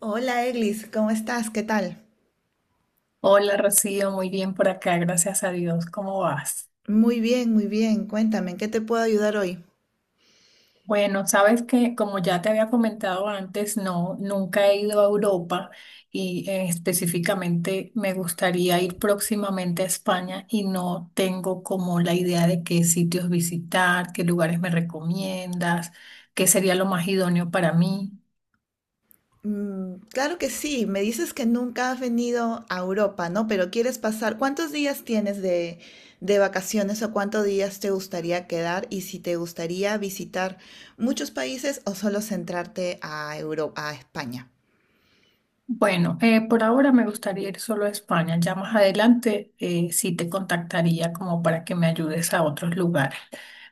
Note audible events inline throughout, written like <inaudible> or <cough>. Hola Eglis, ¿cómo estás? ¿Qué tal? Hola Rocío, muy bien por acá, gracias a Dios. ¿Cómo vas? Muy bien, muy bien. Cuéntame, ¿en qué te puedo ayudar hoy? Bueno, sabes que como ya te había comentado antes, no, nunca he ido a Europa y específicamente me gustaría ir próximamente a España y no tengo como la idea de qué sitios visitar, qué lugares me recomiendas, qué sería lo más idóneo para mí. Claro que sí, me dices que nunca has venido a Europa, ¿no? Pero quieres pasar, ¿cuántos días tienes de vacaciones o cuántos días te gustaría quedar y si te gustaría visitar muchos países o solo centrarte a Europa, a España? Bueno, por ahora me gustaría ir solo a España. Ya más adelante sí te contactaría como para que me ayudes a otros lugares.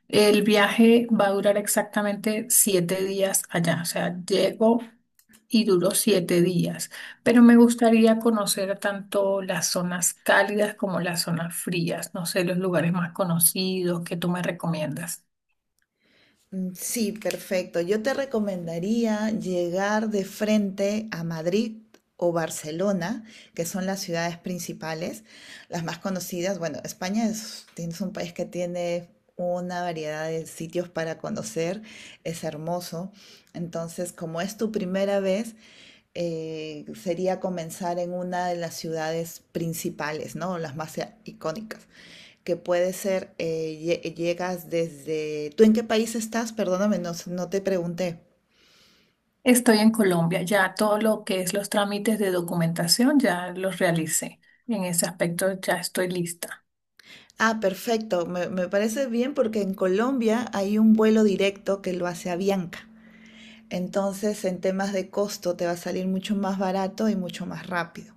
El viaje va a durar exactamente 7 días allá, o sea, llego y duró 7 días, pero me gustaría conocer tanto las zonas cálidas como las zonas frías, no sé, los lugares más conocidos que tú me recomiendas. Sí, perfecto. Yo te recomendaría llegar de frente a Madrid o Barcelona, que son las ciudades principales, las más conocidas. Bueno, España es un país que tiene una variedad de sitios para conocer, es hermoso. Entonces, como es tu primera vez, sería comenzar en una de las ciudades principales, ¿no? Las más icónicas que puede ser, llegas desde. ¿Tú en qué país estás? Perdóname, no, no te pregunté. Estoy en Colombia, ya todo lo que es los trámites de documentación ya los realicé. En ese aspecto ya estoy lista. Ah, perfecto, me parece bien porque en Colombia hay un vuelo directo que lo hace Avianca. Entonces, en temas de costo, te va a salir mucho más barato y mucho más rápido.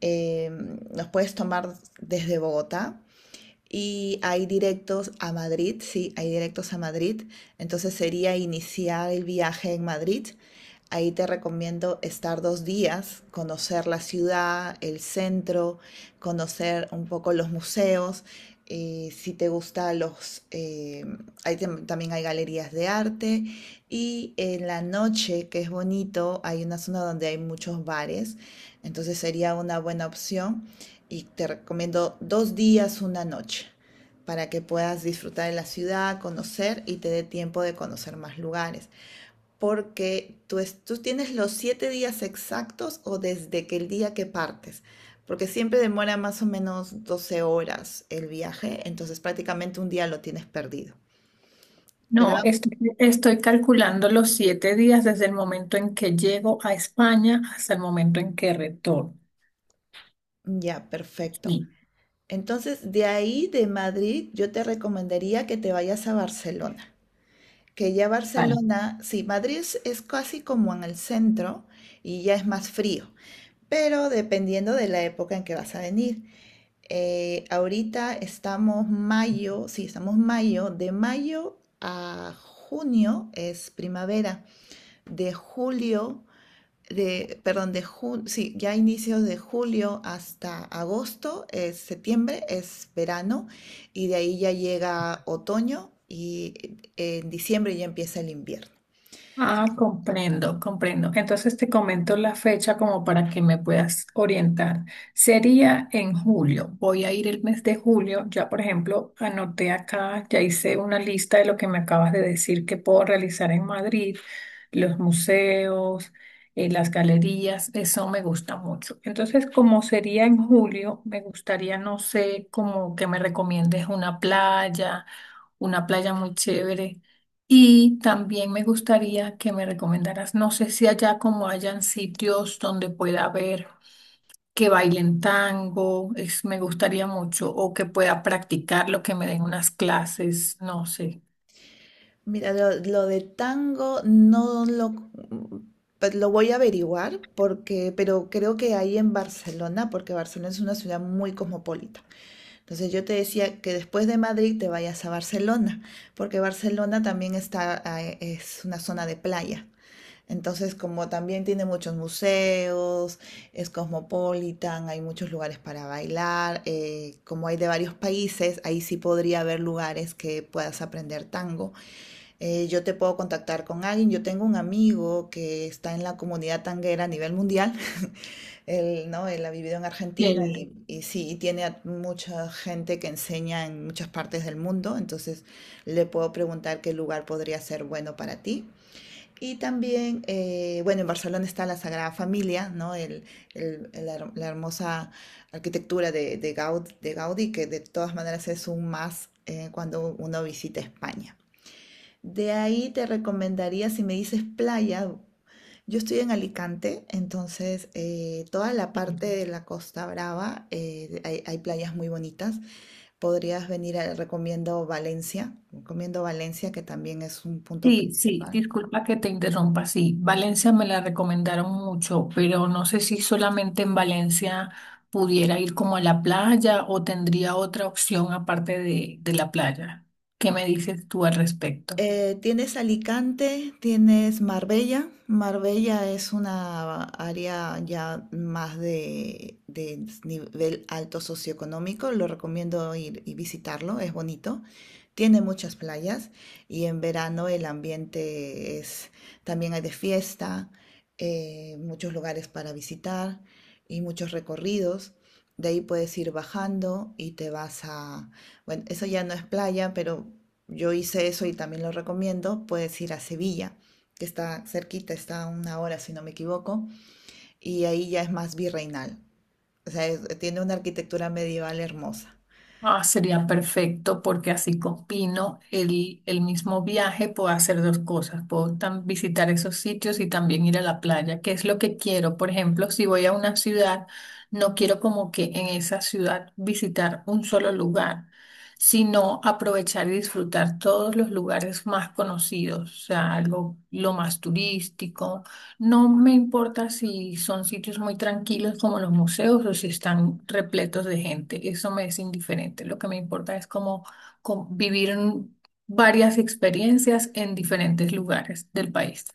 Eh, los puedes tomar desde Bogotá y hay directos a Madrid, sí, hay directos a Madrid. Entonces sería iniciar el viaje en Madrid. Ahí te recomiendo estar 2 días, conocer la ciudad, el centro, conocer un poco los museos. Si te gusta ahí también hay galerías de arte. Y en la noche, que es bonito, hay una zona donde hay muchos bares. Entonces sería una buena opción. Y te recomiendo 2 días, una noche, para que puedas disfrutar de la ciudad, conocer y te dé tiempo de conocer más lugares porque tú tienes los 7 días exactos o desde que el día que partes, porque siempre demora más o menos 12 horas el viaje, entonces prácticamente un día lo tienes perdido. Pero No, vamos, estoy, estoy calculando los 7 días desde el momento en que llego a España hasta el momento en que retorno. ya, perfecto. Sí, Entonces, de ahí de Madrid, yo te recomendaría que te vayas a Barcelona, que ya vale. Barcelona, sí, Madrid es casi como en el centro y ya es más frío, pero dependiendo de la época en que vas a venir. Ahorita estamos mayo, sí, estamos mayo. De mayo a junio es primavera. De julio, Perdón, de junio, sí, ya inicios de julio hasta agosto, es septiembre, es verano. Y de ahí ya llega otoño y en diciembre ya empieza el invierno. Ah, comprendo, comprendo. Entonces te comento la fecha como para que me puedas orientar. Sería en julio. Voy a ir el mes de julio. Ya, por ejemplo, anoté acá, ya hice una lista de lo que me acabas de decir que puedo realizar en Madrid, los museos, las galerías. Eso me gusta mucho. Entonces, como sería en julio, me gustaría, no sé, como que me recomiendes una playa muy chévere. Y también me gustaría que me recomendaras, no sé si allá como hayan sitios donde pueda ver que bailen tango, me gustaría mucho, o que pueda practicarlo, que me den unas clases, no sé. Mira, lo de tango no lo, pues lo voy a averiguar, pero creo que ahí en Barcelona, porque Barcelona es una ciudad muy cosmopolita. Entonces yo te decía que después de Madrid te vayas a Barcelona, porque Barcelona también está, es una zona de playa. Entonces, como también tiene muchos museos, es cosmopolitan, hay muchos lugares para bailar, como hay de varios países, ahí sí podría haber lugares que puedas aprender tango. Yo te puedo contactar con alguien. Yo tengo un amigo que está en la comunidad tanguera a nivel mundial. <laughs> Él, ¿no? Él ha vivido en Argentina Chévere. y sí, y tiene a mucha gente que enseña en muchas partes del mundo. Entonces le puedo preguntar qué lugar podría ser bueno para ti. Y también, bueno, en Barcelona está la Sagrada Familia, ¿no? La hermosa arquitectura de Gaudí, que de todas maneras es un más cuando uno visita España. De ahí te recomendaría, si me dices playa, yo estoy en Alicante, entonces toda la parte de la Costa Brava, hay playas muy bonitas. Podrías venir, recomiendo Valencia, que también es un punto Sí, sí, principal. disculpa que te interrumpa, sí, Valencia me la recomendaron mucho, pero no sé si solamente en Valencia pudiera ir como a la playa o tendría otra opción aparte de la playa. ¿Qué me dices tú al respecto? Tienes Alicante, tienes Marbella. Marbella es una área ya más de nivel alto socioeconómico. Lo recomiendo ir y visitarlo, es bonito. Tiene muchas playas y en verano el ambiente es, también hay de fiesta, muchos lugares para visitar y muchos recorridos. De ahí puedes ir bajando y te vas a, bueno, eso ya no es playa, pero yo hice eso y también lo recomiendo. Puedes ir a Sevilla, que está cerquita, está a una hora si no me equivoco, y ahí ya es más virreinal. O sea, tiene una arquitectura medieval hermosa. Ah, sería perfecto porque así combino el mismo viaje, puedo hacer dos cosas, puedo visitar esos sitios y también ir a la playa, que es lo que quiero. Por ejemplo, si voy a una ciudad, no quiero como que en esa ciudad visitar un solo lugar, sino aprovechar y disfrutar todos los lugares más conocidos, o sea, algo lo más turístico. No me importa si son sitios muy tranquilos como los museos o si están repletos de gente, eso me es indiferente. Lo que me importa es como vivir en varias experiencias en diferentes lugares del país.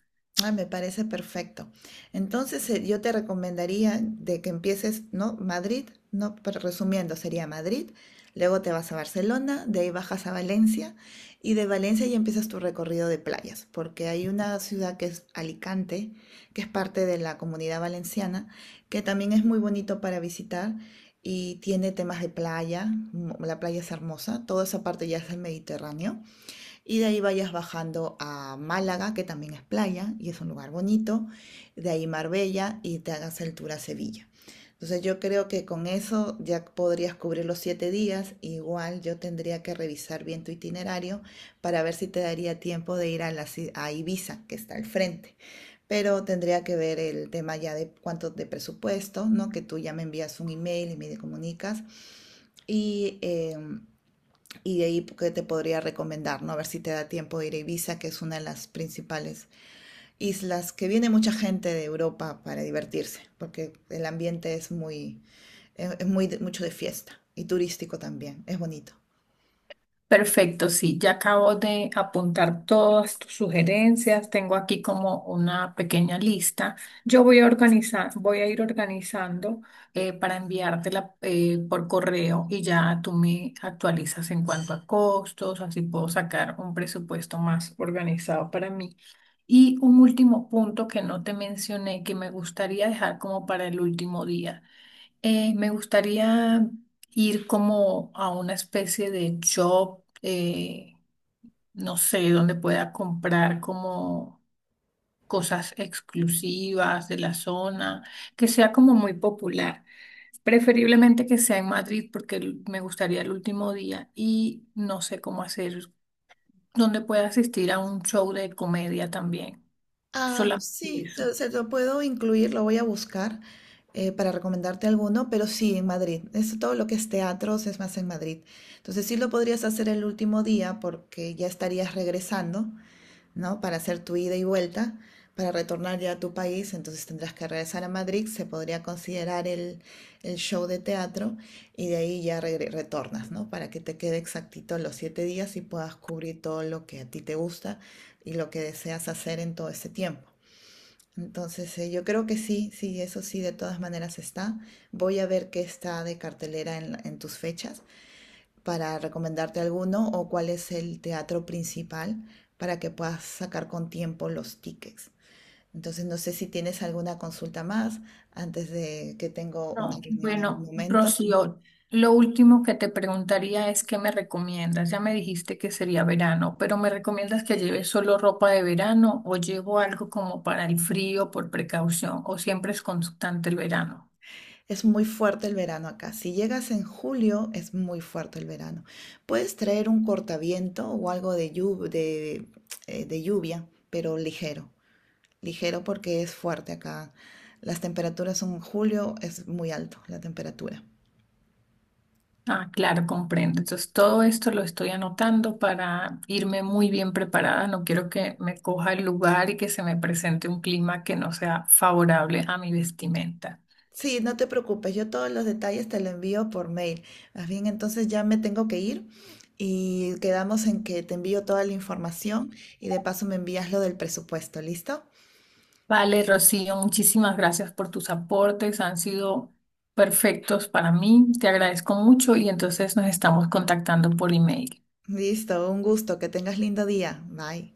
Ah, me parece perfecto. Entonces, yo te recomendaría de que empieces, ¿no? Madrid, ¿no? Pero resumiendo, sería Madrid, luego te vas a Barcelona, de ahí bajas a Valencia y de Valencia ya empiezas tu recorrido de playas, porque hay una ciudad que es Alicante, que es parte de la Comunidad Valenciana, que también es muy bonito para visitar y tiene temas de playa, la playa es hermosa, toda esa parte ya es el Mediterráneo. Y de ahí vayas bajando a Málaga, que también es playa y es un lugar bonito. De ahí Marbella y te hagas el tour a Sevilla. Entonces yo creo que con eso ya podrías cubrir los 7 días. Igual yo tendría que revisar bien tu itinerario para ver si te daría tiempo de ir a Ibiza, que está al frente. Pero tendría que ver el tema ya de cuánto de presupuesto, ¿no? Que tú ya me envías un email y me comunicas. Y em, y de ahí que te podría recomendar, ¿no? A ver si te da tiempo de ir a Ibiza, que es una de las principales islas que viene mucha gente de Europa para divertirse, porque el ambiente es muy, es muy mucho de fiesta y turístico también, es bonito. Perfecto, sí, ya acabo de apuntar todas tus sugerencias. Tengo aquí como una pequeña lista. Yo voy a organizar, Voy a ir organizando para enviártela por correo y ya tú me actualizas en cuanto a costos, así puedo sacar un presupuesto más organizado para mí. Y un último punto que no te mencioné, que me gustaría dejar como para el último día. Me gustaría ir como a una especie de shop, no sé, donde pueda comprar como cosas exclusivas de la zona, que sea como muy popular. Preferiblemente que sea en Madrid porque me gustaría el último día y no sé cómo hacer, donde pueda asistir a un show de comedia también. Ah, Solamente sí, eso. Se lo puedo incluir, lo voy a buscar para recomendarte alguno, pero sí, en Madrid. Es todo lo que es teatros es más en Madrid. Entonces sí lo podrías hacer el último día porque ya estarías regresando, ¿no? Para hacer tu ida y vuelta, para retornar ya a tu país, entonces tendrás que regresar a Madrid, se podría considerar el show de teatro y de ahí ya retornas, ¿no? Para que te quede exactito los 7 días y puedas cubrir todo lo que a ti te gusta y lo que deseas hacer en todo ese tiempo. Entonces, yo creo que sí, sí, eso sí, de todas maneras está. Voy a ver qué está de cartelera en tus fechas para recomendarte alguno o cuál es el teatro principal para que puedas sacar con tiempo los tickets. Entonces, no sé si tienes alguna consulta más antes de que tengo una No, reunión en un bueno, momento. Rocío, lo último que te preguntaría es qué me recomiendas. Ya me dijiste que sería verano, pero ¿me recomiendas que lleve solo ropa de verano o llevo algo como para el frío por precaución o siempre es constante el verano? Es muy fuerte el verano acá. Si llegas en julio, es muy fuerte el verano. Puedes traer un cortaviento o algo de lluvia, pero ligero. Ligero porque es fuerte acá. Las temperaturas en julio es muy alto, la temperatura. Ah, claro, comprendo. Entonces, todo esto lo estoy anotando para irme muy bien preparada. No quiero que me coja el lugar y que se me presente un clima que no sea favorable a mi vestimenta. Sí, no te preocupes, yo todos los detalles te lo envío por mail. Más bien, entonces ya me tengo que ir y quedamos en que te envío toda la información y de paso me envías lo del presupuesto, ¿listo? Vale, Rocío, muchísimas gracias por tus aportes, han sido perfectos para mí, te agradezco mucho y entonces nos estamos contactando por email. Listo, un gusto, que tengas lindo día. Bye.